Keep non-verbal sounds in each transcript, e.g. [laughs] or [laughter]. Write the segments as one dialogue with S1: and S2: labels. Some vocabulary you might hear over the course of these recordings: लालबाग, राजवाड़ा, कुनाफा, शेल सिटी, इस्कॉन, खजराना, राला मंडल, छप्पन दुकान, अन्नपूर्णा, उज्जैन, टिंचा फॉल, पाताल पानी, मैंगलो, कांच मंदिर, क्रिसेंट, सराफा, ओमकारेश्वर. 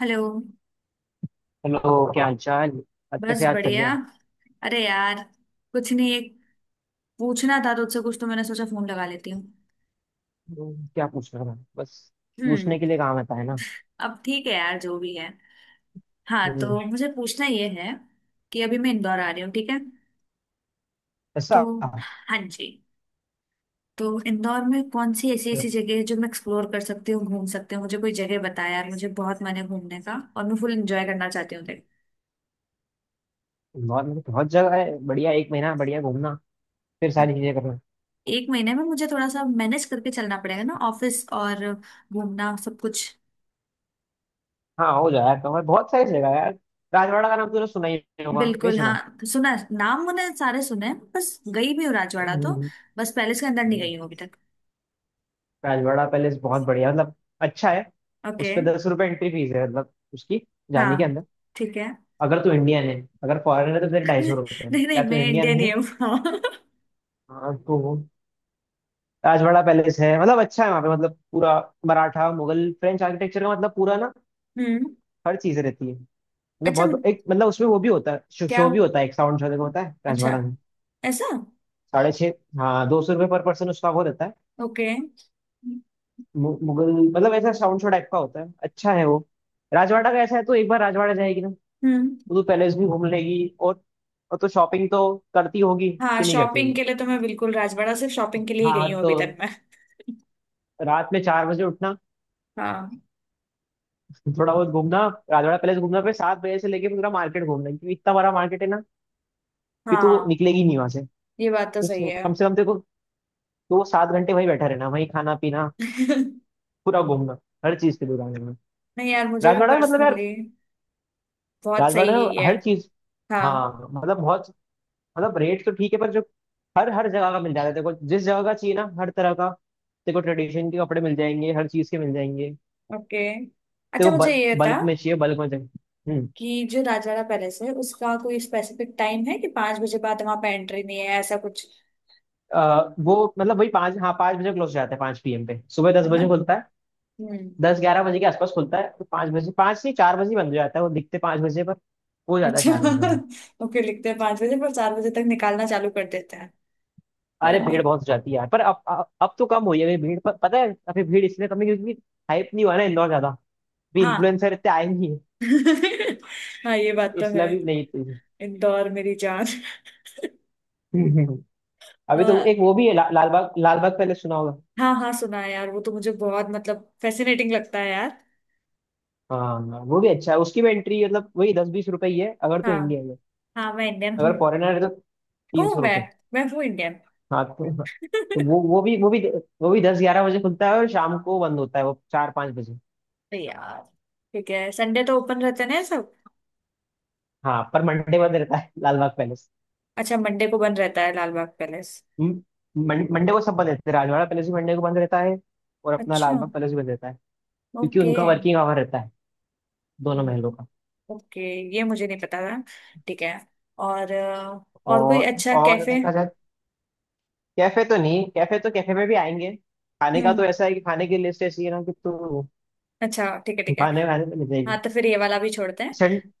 S1: Hello.
S2: Hello. क्या हाल चाल। आज
S1: बस
S2: कैसे याद कर लिया।
S1: बढ़िया। अरे यार, कुछ नहीं, एक पूछना था तुझसे कुछ तो मैंने सोचा फोन लगा लेती हूँ।
S2: क्या पूछ रहा था बस।
S1: हम्म।
S2: पूछने के लिए काम आता है ना।
S1: अब ठीक है यार जो भी है। हाँ, तो
S2: हम्म।
S1: मुझे पूछना ये है कि अभी मैं इंदौर आ रही हूँ, ठीक है?
S2: ऐसा
S1: तो
S2: अच्छा।
S1: हाँ जी। तो इंदौर में कौन सी ऐसी ऐसी जगह है जो मैं एक्सप्लोर कर सकती हूँ, घूम सकती हूँ? मुझे कोई जगह बता यार, मुझे बहुत मन है घूमने का और मैं फुल एंजॉय करना चाहती हूँ, देख।
S2: बहुत मतलब बहुत जगह है। बढ़िया एक महीना बढ़िया घूमना फिर
S1: अब
S2: सारी चीजें करना।
S1: एक महीने में मुझे थोड़ा सा मैनेज करके चलना पड़ेगा ना, ऑफिस और घूमना सब कुछ।
S2: हाँ हो जाए तो मैं बहुत सारी जगह है यार। राजवाड़ा का नाम तो तूने सुना ही होगा, नहीं
S1: बिल्कुल,
S2: सुना।
S1: हाँ सुना है। नाम मैंने सारे सुने हैं, बस गई भी हूँ राजवाड़ा तो।
S2: हम्म,
S1: बस पैलेस के अंदर नहीं गई हूँ
S2: हम्म।
S1: अभी तक।
S2: राजवाड़ा पैलेस बहुत बढ़िया मतलब अच्छा है। उस
S1: ओके।
S2: पे 10 रुपये एंट्री फीस है मतलब उसकी जाने के
S1: हाँ,
S2: अंदर
S1: ठीक है।
S2: अगर तू इंडियन है। अगर फॉरेनर है तो फिर
S1: [laughs]
S2: 250 रुपये है।
S1: नहीं नहीं,
S2: क्या तू
S1: मैं
S2: इंडियन
S1: इंडियन ही
S2: है?
S1: हूँ। [laughs] हाँ।
S2: हाँ तो राजवाड़ा पैलेस है मतलब अच्छा है। वहाँ पे मतलब पूरा मराठा मुगल फ्रेंच आर्किटेक्चर का मतलब पूरा ना
S1: हम्म।
S2: हर चीज रहती है। मतलब
S1: अच्छा।
S2: बहुत एक मतलब उसमें वो भी होता है शो,
S1: क्या?
S2: शो भी होता है। एक साउंड शो देखो होता है
S1: अच्छा।
S2: राजवाड़ा में
S1: ऐसा।
S2: 6:30। हाँ 200 रुपये पर पर्सन उसका वो रहता है।
S1: ओके।
S2: मुगल मतलब ऐसा साउंड शो टाइप का होता है, अच्छा है वो।
S1: हम्म।
S2: राजवाड़ा का ऐसा है तो एक बार राजवाड़ा जाएगी ना, तो तू पैलेस भी घूम लेगी और तो शॉपिंग तो करती होगी
S1: हाँ,
S2: कि नहीं करती
S1: शॉपिंग
S2: होगी।
S1: के लिए तो मैं बिल्कुल राजवाड़ा सिर्फ शॉपिंग के लिए ही गई
S2: हाँ
S1: हूँ अभी तक
S2: तो
S1: मैं। [laughs]
S2: रात में 4 बजे उठना,
S1: हाँ
S2: थोड़ा बहुत घूमना, राजवाड़ा पैलेस घूमना, फिर 7 बजे से लेके पूरा मार्केट घूमना क्योंकि इतना बड़ा मार्केट है ना कि तू
S1: हाँ,
S2: निकलेगी नहीं वहां से।
S1: ये बात तो
S2: तो
S1: सही है।
S2: कम से कम तेरे को दो सात घंटे वहीं बैठा रहना, वहीं खाना पीना,
S1: [laughs]
S2: पूरा घूमना, हर चीज की दुकान में।
S1: नहीं यार, मुझे भी
S2: राजवाड़ा में मतलब यार,
S1: पर्सनली बहुत
S2: राजवाड़ा में
S1: सही है।
S2: हर चीज।
S1: हाँ।
S2: हाँ मतलब बहुत, मतलब रेट तो ठीक है पर जो हर हर जगह का मिल जाता है तेरे को, जिस जगह का चाहिए ना हर तरह का। तेरे को ट्रेडिशन के कपड़े मिल जाएंगे, हर चीज के मिल जाएंगे
S1: ओके। अच्छा,
S2: तेरे
S1: मुझे ये
S2: को,
S1: था
S2: बल्क में चाहिए बल्क में चाहिए। हम्म।
S1: कि जो राजवाड़ा पैलेस है उसका कोई स्पेसिफिक टाइम है कि 5 बजे बाद वहां पे एंट्री नहीं है, ऐसा कुछ?
S2: वो मतलब वही पाँच, हाँ 5 बजे क्लोज हो जाता है, 5 पी एम पे। सुबह दस
S1: है ना?
S2: बजे खुलता है,
S1: हम्म।
S2: 10-11 बजे के आसपास खुलता है। तो 5 बजे, 5 से 4 बजे बंद हो जाता है वो। दिखते 5 बजे पर हो जाता है
S1: अच्छा
S2: 4 बजे में।
S1: [laughs] ओके, लिखते हैं 5 बजे पर 4 बजे तक निकालना चालू कर देते हैं। तो
S2: अरे
S1: यार मैं,
S2: भीड़ बहुत हो जाती है यार, पर अब तो कम हुई है अभी भीड़। पर पता है अभी भीड़ इसलिए कम है क्योंकि हाइप नहीं हुआ ना इंदौर ज्यादा। अभी
S1: हाँ
S2: इन्फ्लुएंसर इतने आए नहीं है,
S1: [laughs] हाँ ये बात तो
S2: इसलिए
S1: है।
S2: भी नहीं इतनी।
S1: इंदौर मेरी जान [laughs]
S2: [laughs]
S1: अ,
S2: अभी तो एक वो भी है, ला, लालबाग लालबाग पहले सुना होगा।
S1: हाँ हाँ सुना है यार, वो तो मुझे बहुत मतलब फैसिनेटिंग लगता है यार।
S2: हाँ हाँ, वो भी अच्छा है, उसकी भी एंट्री मतलब वही 10-20 रुपए ही है अगर तो
S1: हाँ
S2: इंडिया में।
S1: हाँ मैं इंडियन हूँ।
S2: अगर फॉरेनर है तो तीन
S1: हूँ
S2: सौ
S1: मैं। मैं हूँ इंडियन।
S2: हाँ तो
S1: [laughs] तो
S2: वो भी 10-11 बजे खुलता है और शाम को बंद होता है वो 4-5 बजे।
S1: यार ठीक है, संडे तो ओपन रहते हैं ना ये सब?
S2: हाँ पर मंडे बंद रहता है [laughs] लाल बाग पैलेस।
S1: अच्छा, मंडे को बंद रहता है लाल बाग पैलेस?
S2: म- मंडे को सब बंद रहते हैं। राजवाड़ा पैलेस भी मंडे को बंद रहता है, और अपना
S1: अच्छा।
S2: लाल बाग पैलेस भी बंद रहता है, क्योंकि
S1: ओके।
S2: उनका वर्किंग आवर रहता है दोनों महलों का।
S1: ओके, ये मुझे नहीं पता था। ठीक है। और कोई
S2: और
S1: अच्छा
S2: और
S1: कैफे?
S2: देखा जाए, कैफे तो नहीं, कैफे तो कैफे में भी आएंगे। खाने का तो
S1: हम्म।
S2: ऐसा है कि खाने की लिस्ट ऐसी है ना कि तू
S1: अच्छा ठीक है, ठीक है।
S2: खाने खाने तो मिल
S1: हाँ,
S2: जाएगी।
S1: तो फिर ये वाला भी छोड़ते हैं।
S2: सन-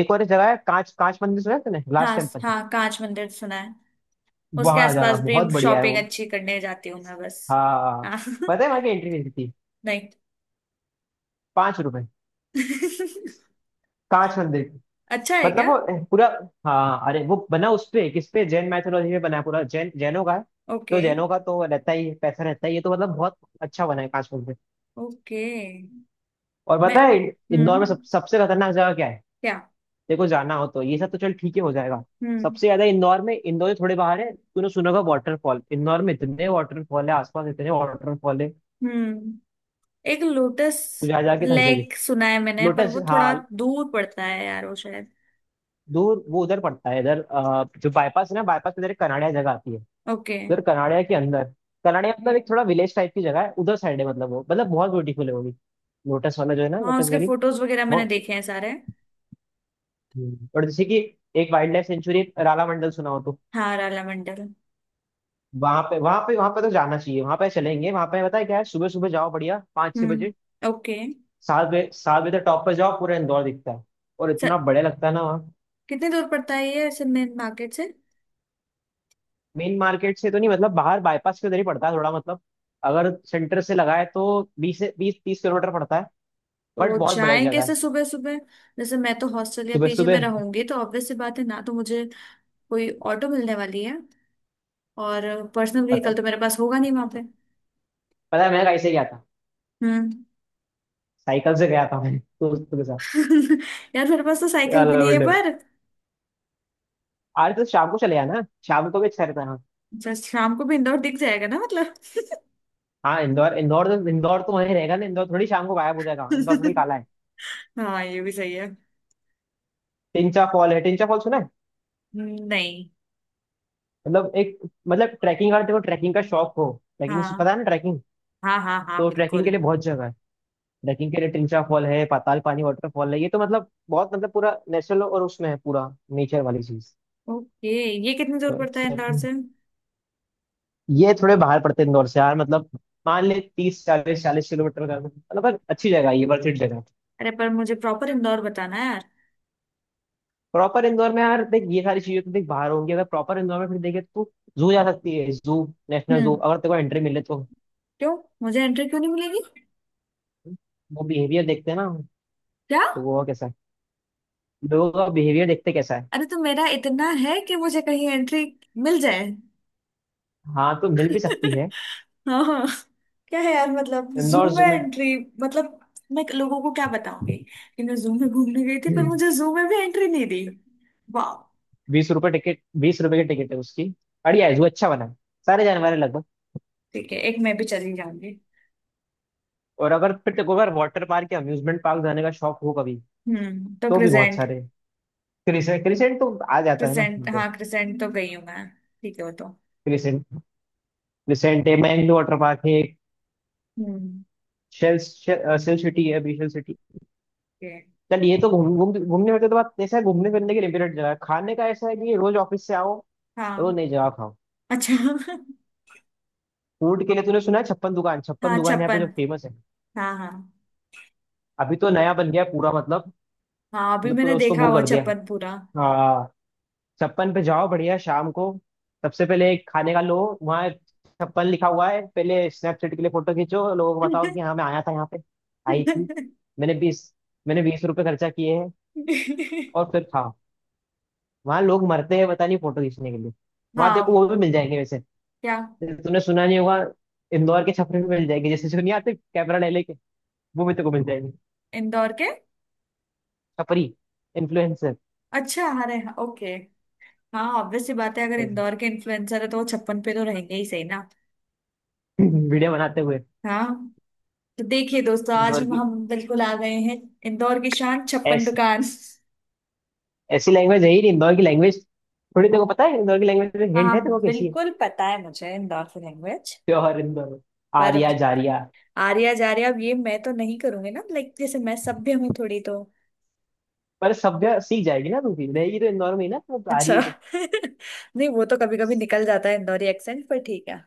S2: एक और जगह है, कांच कांच मंदिर सुना है तूने, लास्ट
S1: हाँ
S2: टेम्पल।
S1: हाँ, कांच मंदिर सुना है। उसके
S2: वहां जाना
S1: आसपास भी
S2: बहुत बढ़िया है
S1: शॉपिंग
S2: वो।
S1: अच्छी करने जाती हूँ मैं बस।
S2: हाँ
S1: हाँ
S2: पता है
S1: [laughs]
S2: वहां की एंट्री फीस थी,
S1: नहीं।
S2: 5 रुपए,
S1: [laughs]
S2: कांच मंदिर की।
S1: अच्छा है
S2: मतलब
S1: क्या?
S2: वो पूरा, हाँ अरे वो बना उस पे, किस पे, जैन मैथोलॉजी पे बना है पूरा, जैन, जैनों का है
S1: ओके।
S2: तो। जैनों का तो रहता ही है, पैसा रहता ही है तो, मतलब बहुत अच्छा बना है कांच मंदिर।
S1: ओके।
S2: और
S1: मैं,
S2: पता है इंदौर में
S1: हम्म,
S2: सबसे खतरनाक जगह क्या है?
S1: क्या?
S2: देखो जाना हो तो ये सब तो चल ठीक ही हो जाएगा।
S1: हम्म।
S2: सबसे ज्यादा इंदौर में, इंदौर से थोड़े बाहर है, तूने सुना होगा वाटरफॉल। इंदौर में इतने वाटरफॉल है, आसपास इतने वाटरफॉल है,
S1: हम्म, एक लोटस
S2: तू जा जाके थक जाएगी।
S1: लेक सुना है मैंने पर
S2: लोटस
S1: वो थोड़ा
S2: हाँ,
S1: दूर पड़ता है यार वो शायद।
S2: दूर वो उधर पड़ता है। इधर जो बाईपास है ना, बाईपास के इधर एक कनाड़िया जगह आती है।
S1: ओके।
S2: उधर कनाड़िया के अंदर, कनाड़िया मतलब एक थोड़ा विलेज टाइप की जगह है, उधर साइड है, मतलब वो मतलब बहुत ब्यूटीफुल है वो भी, लोटस वाला जो है ना,
S1: हाँ,
S2: लोटस
S1: उसके
S2: वैली।
S1: फोटोज वगैरह
S2: वो
S1: मैंने देखे हैं सारे।
S2: और जैसे कि एक wildlife sanctuary राला मंडल सुना हो तो,
S1: हाँ, राला मंडल।
S2: वहां पे तो जाना चाहिए। वहां पे चलेंगे वहां पे, पता है क्या है? सुबह सुबह जाओ बढ़िया, 5-6 बजे
S1: ओके।
S2: 7 बजे, 7 बजे तक टॉप पर जाओ, पूरा इंदौर दिखता है, और
S1: सर,
S2: इतना बढ़िया लगता है ना।
S1: कितनी दूर पड़ता है ये ऐसे मेन मार्केट से?
S2: मेन मार्केट से तो नहीं मतलब, बाहर बाईपास के उधर ही पड़ता है थोड़ा, मतलब अगर सेंटर से लगाए तो बीस से बीस तीस किलोमीटर पड़ता है।
S1: तो
S2: बट बहुत बढ़िया
S1: जाएं
S2: जगह
S1: कैसे
S2: है।
S1: सुबह सुबह? जैसे मैं तो हॉस्टल या
S2: सुबह
S1: पीजी में
S2: सुबह
S1: रहूंगी तो ऑब्वियस सी बात है ना, तो मुझे कोई ऑटो मिलने वाली है? और पर्सनल व्हीकल
S2: पता
S1: तो मेरे पास होगा नहीं वहां पे।
S2: पता है मैं कैसे गया था?
S1: हम्म।
S2: साइकिल से गया था मैं दोस्तों के साथ।
S1: [laughs] यार मेरे पास तो साइकिल
S2: यार
S1: भी नहीं है
S2: लवेंडर,
S1: पर।
S2: अरे तो शाम को चले आना, शाम को भी अच्छा रहता है। हाँ
S1: जस्ट शाम को भी इंदौर दिख जाएगा ना, मतलब?
S2: हाँ इंदौर इंदौर तो वहीं रहेगा ना, इंदौर थोड़ी शाम को गायब हो जाएगा। हाँ, इंदौर थोड़ी
S1: [laughs]
S2: काला है।
S1: हाँ, ये भी सही है।
S2: टिंचा फॉल है, टिंचा फॉल सुना है?
S1: नहीं।
S2: मतलब एक, मतलब ट्रैकिंग, अगर देखो ट्रैकिंग का शौक हो, ट्रैकिंग
S1: हाँ
S2: पता है ना ट्रैकिंग,
S1: हाँ हाँ, हाँ
S2: तो ट्रैकिंग के
S1: बिल्कुल।
S2: लिए बहुत जगह है। ट्रैकिंग के लिए ट्रिंचा फॉल है, पाताल पानी वाटरफॉल है, ये तो मतलब बहुत, मतलब पूरा नेचुरल और उसमें है पूरा नेचर वाली चीज।
S1: ओके। ये कितनी
S2: तो
S1: दूर पड़ता है इंदौर से?
S2: ये थोड़े बाहर पड़ते हैं इंदौर से यार, मतलब मान ले तीस चालीस चालीस किलोमीटर का मतलब, पर अच्छी जगह है ये, वर्थ इट जगह।
S1: अरे पर मुझे प्रॉपर इंदौर बताना है यार।
S2: प्रॉपर इंदौर में यार देख, ये सारी चीजें तो देख बाहर होंगी। अगर प्रॉपर इंदौर में फिर देखे तो जू जा सकती है। जू, नेशनल जू,
S1: हम्म।
S2: अगर तेरे को एंट्री मिले तो।
S1: क्यों? मुझे एंट्री क्यों नहीं मिलेगी?
S2: वो बिहेवियर देखते हैं ना,
S1: क्या?
S2: तो वो कैसा है, लोगों का बिहेवियर देखते कैसा है।
S1: अरे, तो मेरा इतना है कि मुझे कहीं एंट्री मिल जाए।
S2: हाँ तो मिल भी सकती
S1: [laughs]
S2: है।
S1: हाँ हाँ। क्या है यार, मतलब जू
S2: इंदौर
S1: में
S2: जू में
S1: एंट्री मतलब मैं लोगों को क्या बताऊंगी कि मैं जू में घूमने गई थी पर मुझे जू में भी एंट्री नहीं दी? वाह।
S2: 20 रुपए टिकट, 20 रुपए की टिकट है उसकी। बढ़िया है जू, अच्छा बना है, सारे जानवर हैं लगभग।
S1: ठीक है, एक मैं भी चली जाऊंगी।
S2: और अगर फिर देखो, अगर वाटर पार्क या अम्यूजमेंट पार्क जाने का शौक हो कभी,
S1: हम्म, तो
S2: तो भी बहुत
S1: क्रिसेंट।
S2: सारे हैं। क्रिसेंट क्रिसेंट तो आ जाता है ना।
S1: क्रिसेंट,
S2: तो
S1: हाँ क्रिसेंट तो गई हूँ मैं। ठीक है वो तो।
S2: क्रिसेंट, क्रिसेंट है, मैंगलो वाटर पार्क है एक,
S1: हम्म।
S2: शेल शेल सिटी है, अभी शेल सिटी।
S1: ये,
S2: चल ये तो घूम घूम घूमने फिरने तो बात, ऐसा है घूमने फिरने की लिमिटेड जगह है। खाने का ऐसा है कि रोज ऑफिस से आओ, रोज
S1: हाँ
S2: नई जगह खाओ।
S1: अच्छा।
S2: फूड के लिए तूने सुना है छप्पन दुकान,
S1: [laughs]
S2: छप्पन
S1: हाँ
S2: दुकान यहाँ पे जो
S1: छप्पन।
S2: फेमस है।
S1: हाँ हाँ
S2: अभी तो नया बन गया है पूरा मतलब,
S1: हाँ, अभी
S2: मतलब
S1: मैंने
S2: पूरा उसको
S1: देखा
S2: वो
S1: वो
S2: कर दिया है।
S1: छप्पन पूरा।
S2: छप्पन पे जाओ बढ़िया शाम को, सबसे पहले एक खाने का लो। वहाँ छप्पन लिखा हुआ है, पहले स्नैपचैट के लिए फोटो खींचो, लोगों को बताओ कि हाँ मैं आया था यहाँ पे, आई थी,
S1: [laughs]
S2: मैंने बीस मैंने बीस रुपए खर्चा किए हैं, और फिर खाओ। वहाँ लोग मरते हैं पता नहीं फोटो खींचने के लिए। वहाँ
S1: हाँ
S2: देखो
S1: वो,
S2: वो भी मिल जाएंगे वैसे,
S1: क्या?
S2: जैसे तुमने सुना नहीं होगा, इंदौर के छपरी भी मिल जाएंगे, जैसे जो नहीं आते कैमरा ले लेके, वो भी तेरे को मिल जाएंगे,
S1: इंदौर के?
S2: छपरी इन्फ्लुएंसर,
S1: अच्छा, अरे हाँ ओके। हाँ, ऑब्वियस सी बात है अगर
S2: [laughs]
S1: इंदौर के इन्फ्लुएंसर है तो वो छप्पन पे तो रहेंगे ही, सही ना?
S2: वीडियो बनाते हुए।
S1: हाँ, तो देखिए दोस्तों, आज
S2: इंदौर
S1: हम बिल्कुल आ गए हैं इंदौर की शान छप्पन
S2: की
S1: दुकान। [laughs]
S2: ऐसी लैंग्वेज है ही नहीं, इंदौर की लैंग्वेज थोड़ी, तेरे को पता है इंदौर की लैंग्वेज में
S1: हाँ,
S2: हिंट है, तेरे को कैसी है
S1: बिल्कुल पता है मुझे इंदौर की लैंग्वेज।
S2: प्योर इंदौर में।
S1: पर
S2: आर्या जारिया,
S1: आर्या जार्या अब ये मैं तो नहीं करूंगी ना, लाइक जैसे मैं सभ्य हूँ थोड़ी तो।
S2: पर सभ्य सीख जाएगी ना, तू भी रहेगी तो इंदौर में ही ना, तो आ रही
S1: अच्छा
S2: है तो
S1: [laughs] नहीं, वो तो कभी कभी निकल जाता है इंदौरी एक्सेंट पर ठीक है।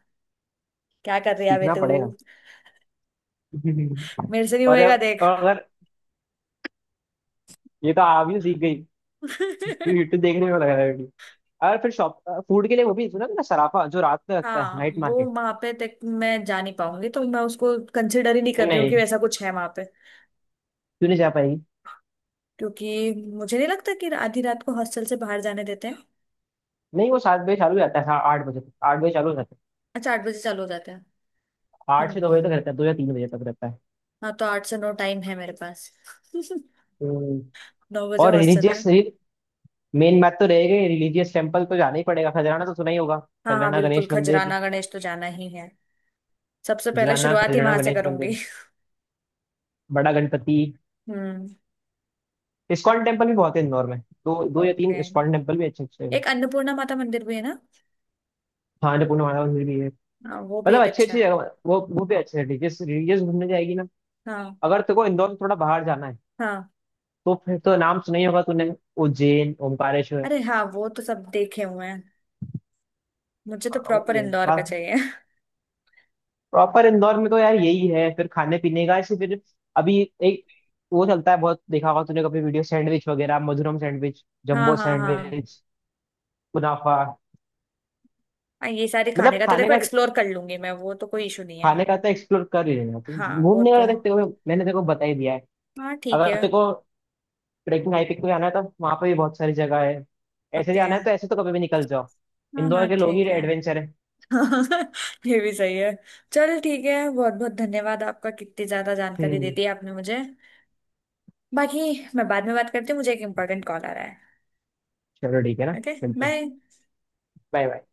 S1: क्या कर रही है बे
S2: सीखना
S1: तू?
S2: पड़ेगा। [laughs]
S1: मेरे से नहीं
S2: और
S1: होएगा
S2: और
S1: देख।
S2: अगर ये तो आप ही सीख गई, तू
S1: [laughs]
S2: यूट्यूब देखने में लगा रहेगी। और फिर शॉप, फूड के लिए वो भी सुना ना सराफा, जो रात में लगता है
S1: हाँ
S2: नाइट
S1: वो
S2: मार्केट।
S1: वहां पे तक मैं जा नहीं पाऊंगी तो मैं उसको कंसिडर ही नहीं कर रही हूँ कि
S2: नहीं
S1: ऐसा कुछ है वहां पे।
S2: तू नहीं जा पाएगी।
S1: क्योंकि मुझे नहीं लगता कि आधी रात को हॉस्टल से बाहर जाने देते हैं।
S2: नहीं वो 7 बजे चालू हो जाता है, हाँ 8 बजे तक, 8 बजे चालू हो जाता
S1: अच्छा, 8 बजे चालू हो जाते हैं?
S2: है, आठ
S1: हम्म,
S2: से दो बजे तक रहता है, 2 या 3 बजे तक रहता है।
S1: हाँ तो 8 से 9 टाइम है मेरे पास। [laughs]
S2: हम्म।
S1: 9 बजे
S2: और
S1: हॉस्टल है।
S2: रिलीजियस, मेन बात तो रह गई। रिलीजियस टेम्पल तो जाना ही पड़ेगा, खजराना तो सुना ही होगा,
S1: हाँ हाँ
S2: खजराना
S1: बिल्कुल,
S2: गणेश मंदिर,
S1: खजराना गणेश तो जाना ही है। सबसे पहले
S2: खजराना,
S1: शुरुआत ही
S2: खजराना
S1: वहां से
S2: गणेश
S1: करूंगी।
S2: मंदिर,
S1: [laughs]
S2: बड़ा गणपति।
S1: हम्म
S2: इस्कॉन टेम्पल भी बहुत है इंदौर में, दो दो या तीन
S1: ओके,
S2: इस्कॉन टेम्पल भी अच्छे अच्छे हैं।
S1: एक अन्नपूर्णा माता मंदिर भी है ना?
S2: हाँ अन्नपूर्णा माता मंदिर भी है,
S1: हाँ वो भी
S2: मतलब
S1: एक
S2: अच्छी
S1: अच्छा
S2: अच्छी
S1: है।
S2: जगह। वो भी अच्छे हैं, रिलीजियस रिलीजियस घूमने जाएगी ना।
S1: हाँ
S2: अगर तेरे को इंदौर से थोड़ा बाहर जाना है,
S1: हाँ।
S2: तो फिर तो नाम सुना ही होगा तूने, उज्जैन ओमकारेश्वर।
S1: अरे हाँ वो तो सब देखे हुए हैं। मुझे तो
S2: हाँ, वो
S1: प्रॉपर
S2: ये
S1: इंदौर का
S2: है।
S1: चाहिए। [laughs]
S2: प्रॉपर इंदौर में तो यार यही है, फिर खाने पीने का ऐसे। फिर अभी एक वो चलता है बहुत, देखा होगा तूने कभी वीडियो, सैंडविच वगैरह, मधुरम सैंडविच,
S1: हाँ
S2: जंबो
S1: हाँ हाँ,
S2: सैंडविच, कुनाफा।
S1: हाँ ये सारे खाने
S2: मतलब
S1: का तो
S2: खाने
S1: देखो
S2: का,
S1: एक्सप्लोर कर लूंगी मैं, वो तो कोई इशू नहीं है।
S2: खाने का तो एक्सप्लोर कर ही लेना तो।
S1: हाँ वो
S2: घूमने
S1: तो।
S2: का देखते हुए मैंने तेरे को बता ही दिया है।
S1: हाँ ठीक
S2: अगर
S1: है।
S2: तेरे को ट्रेकिंग हाइकिंग पे जाना है, तो वहां पे भी बहुत सारी जगह है। ऐसे
S1: ओके।
S2: जाना है तो ऐसे तो कभी भी निकल जाओ।
S1: हाँ हाँ
S2: इंदौर के लोग ही
S1: ठीक है।
S2: एडवेंचर है।
S1: [laughs] ये भी सही है। चलो ठीक है, बहुत बहुत धन्यवाद आपका, कितनी ज्यादा जानकारी दे
S2: हम्म।
S1: दी आपने मुझे। बाकी मैं बाद में बात करती हूँ, मुझे एक इम्पोर्टेंट कॉल आ रहा है।
S2: चलो ठीक है ना,
S1: ओके।
S2: मिलते हैं,
S1: बाय।
S2: Bye bye.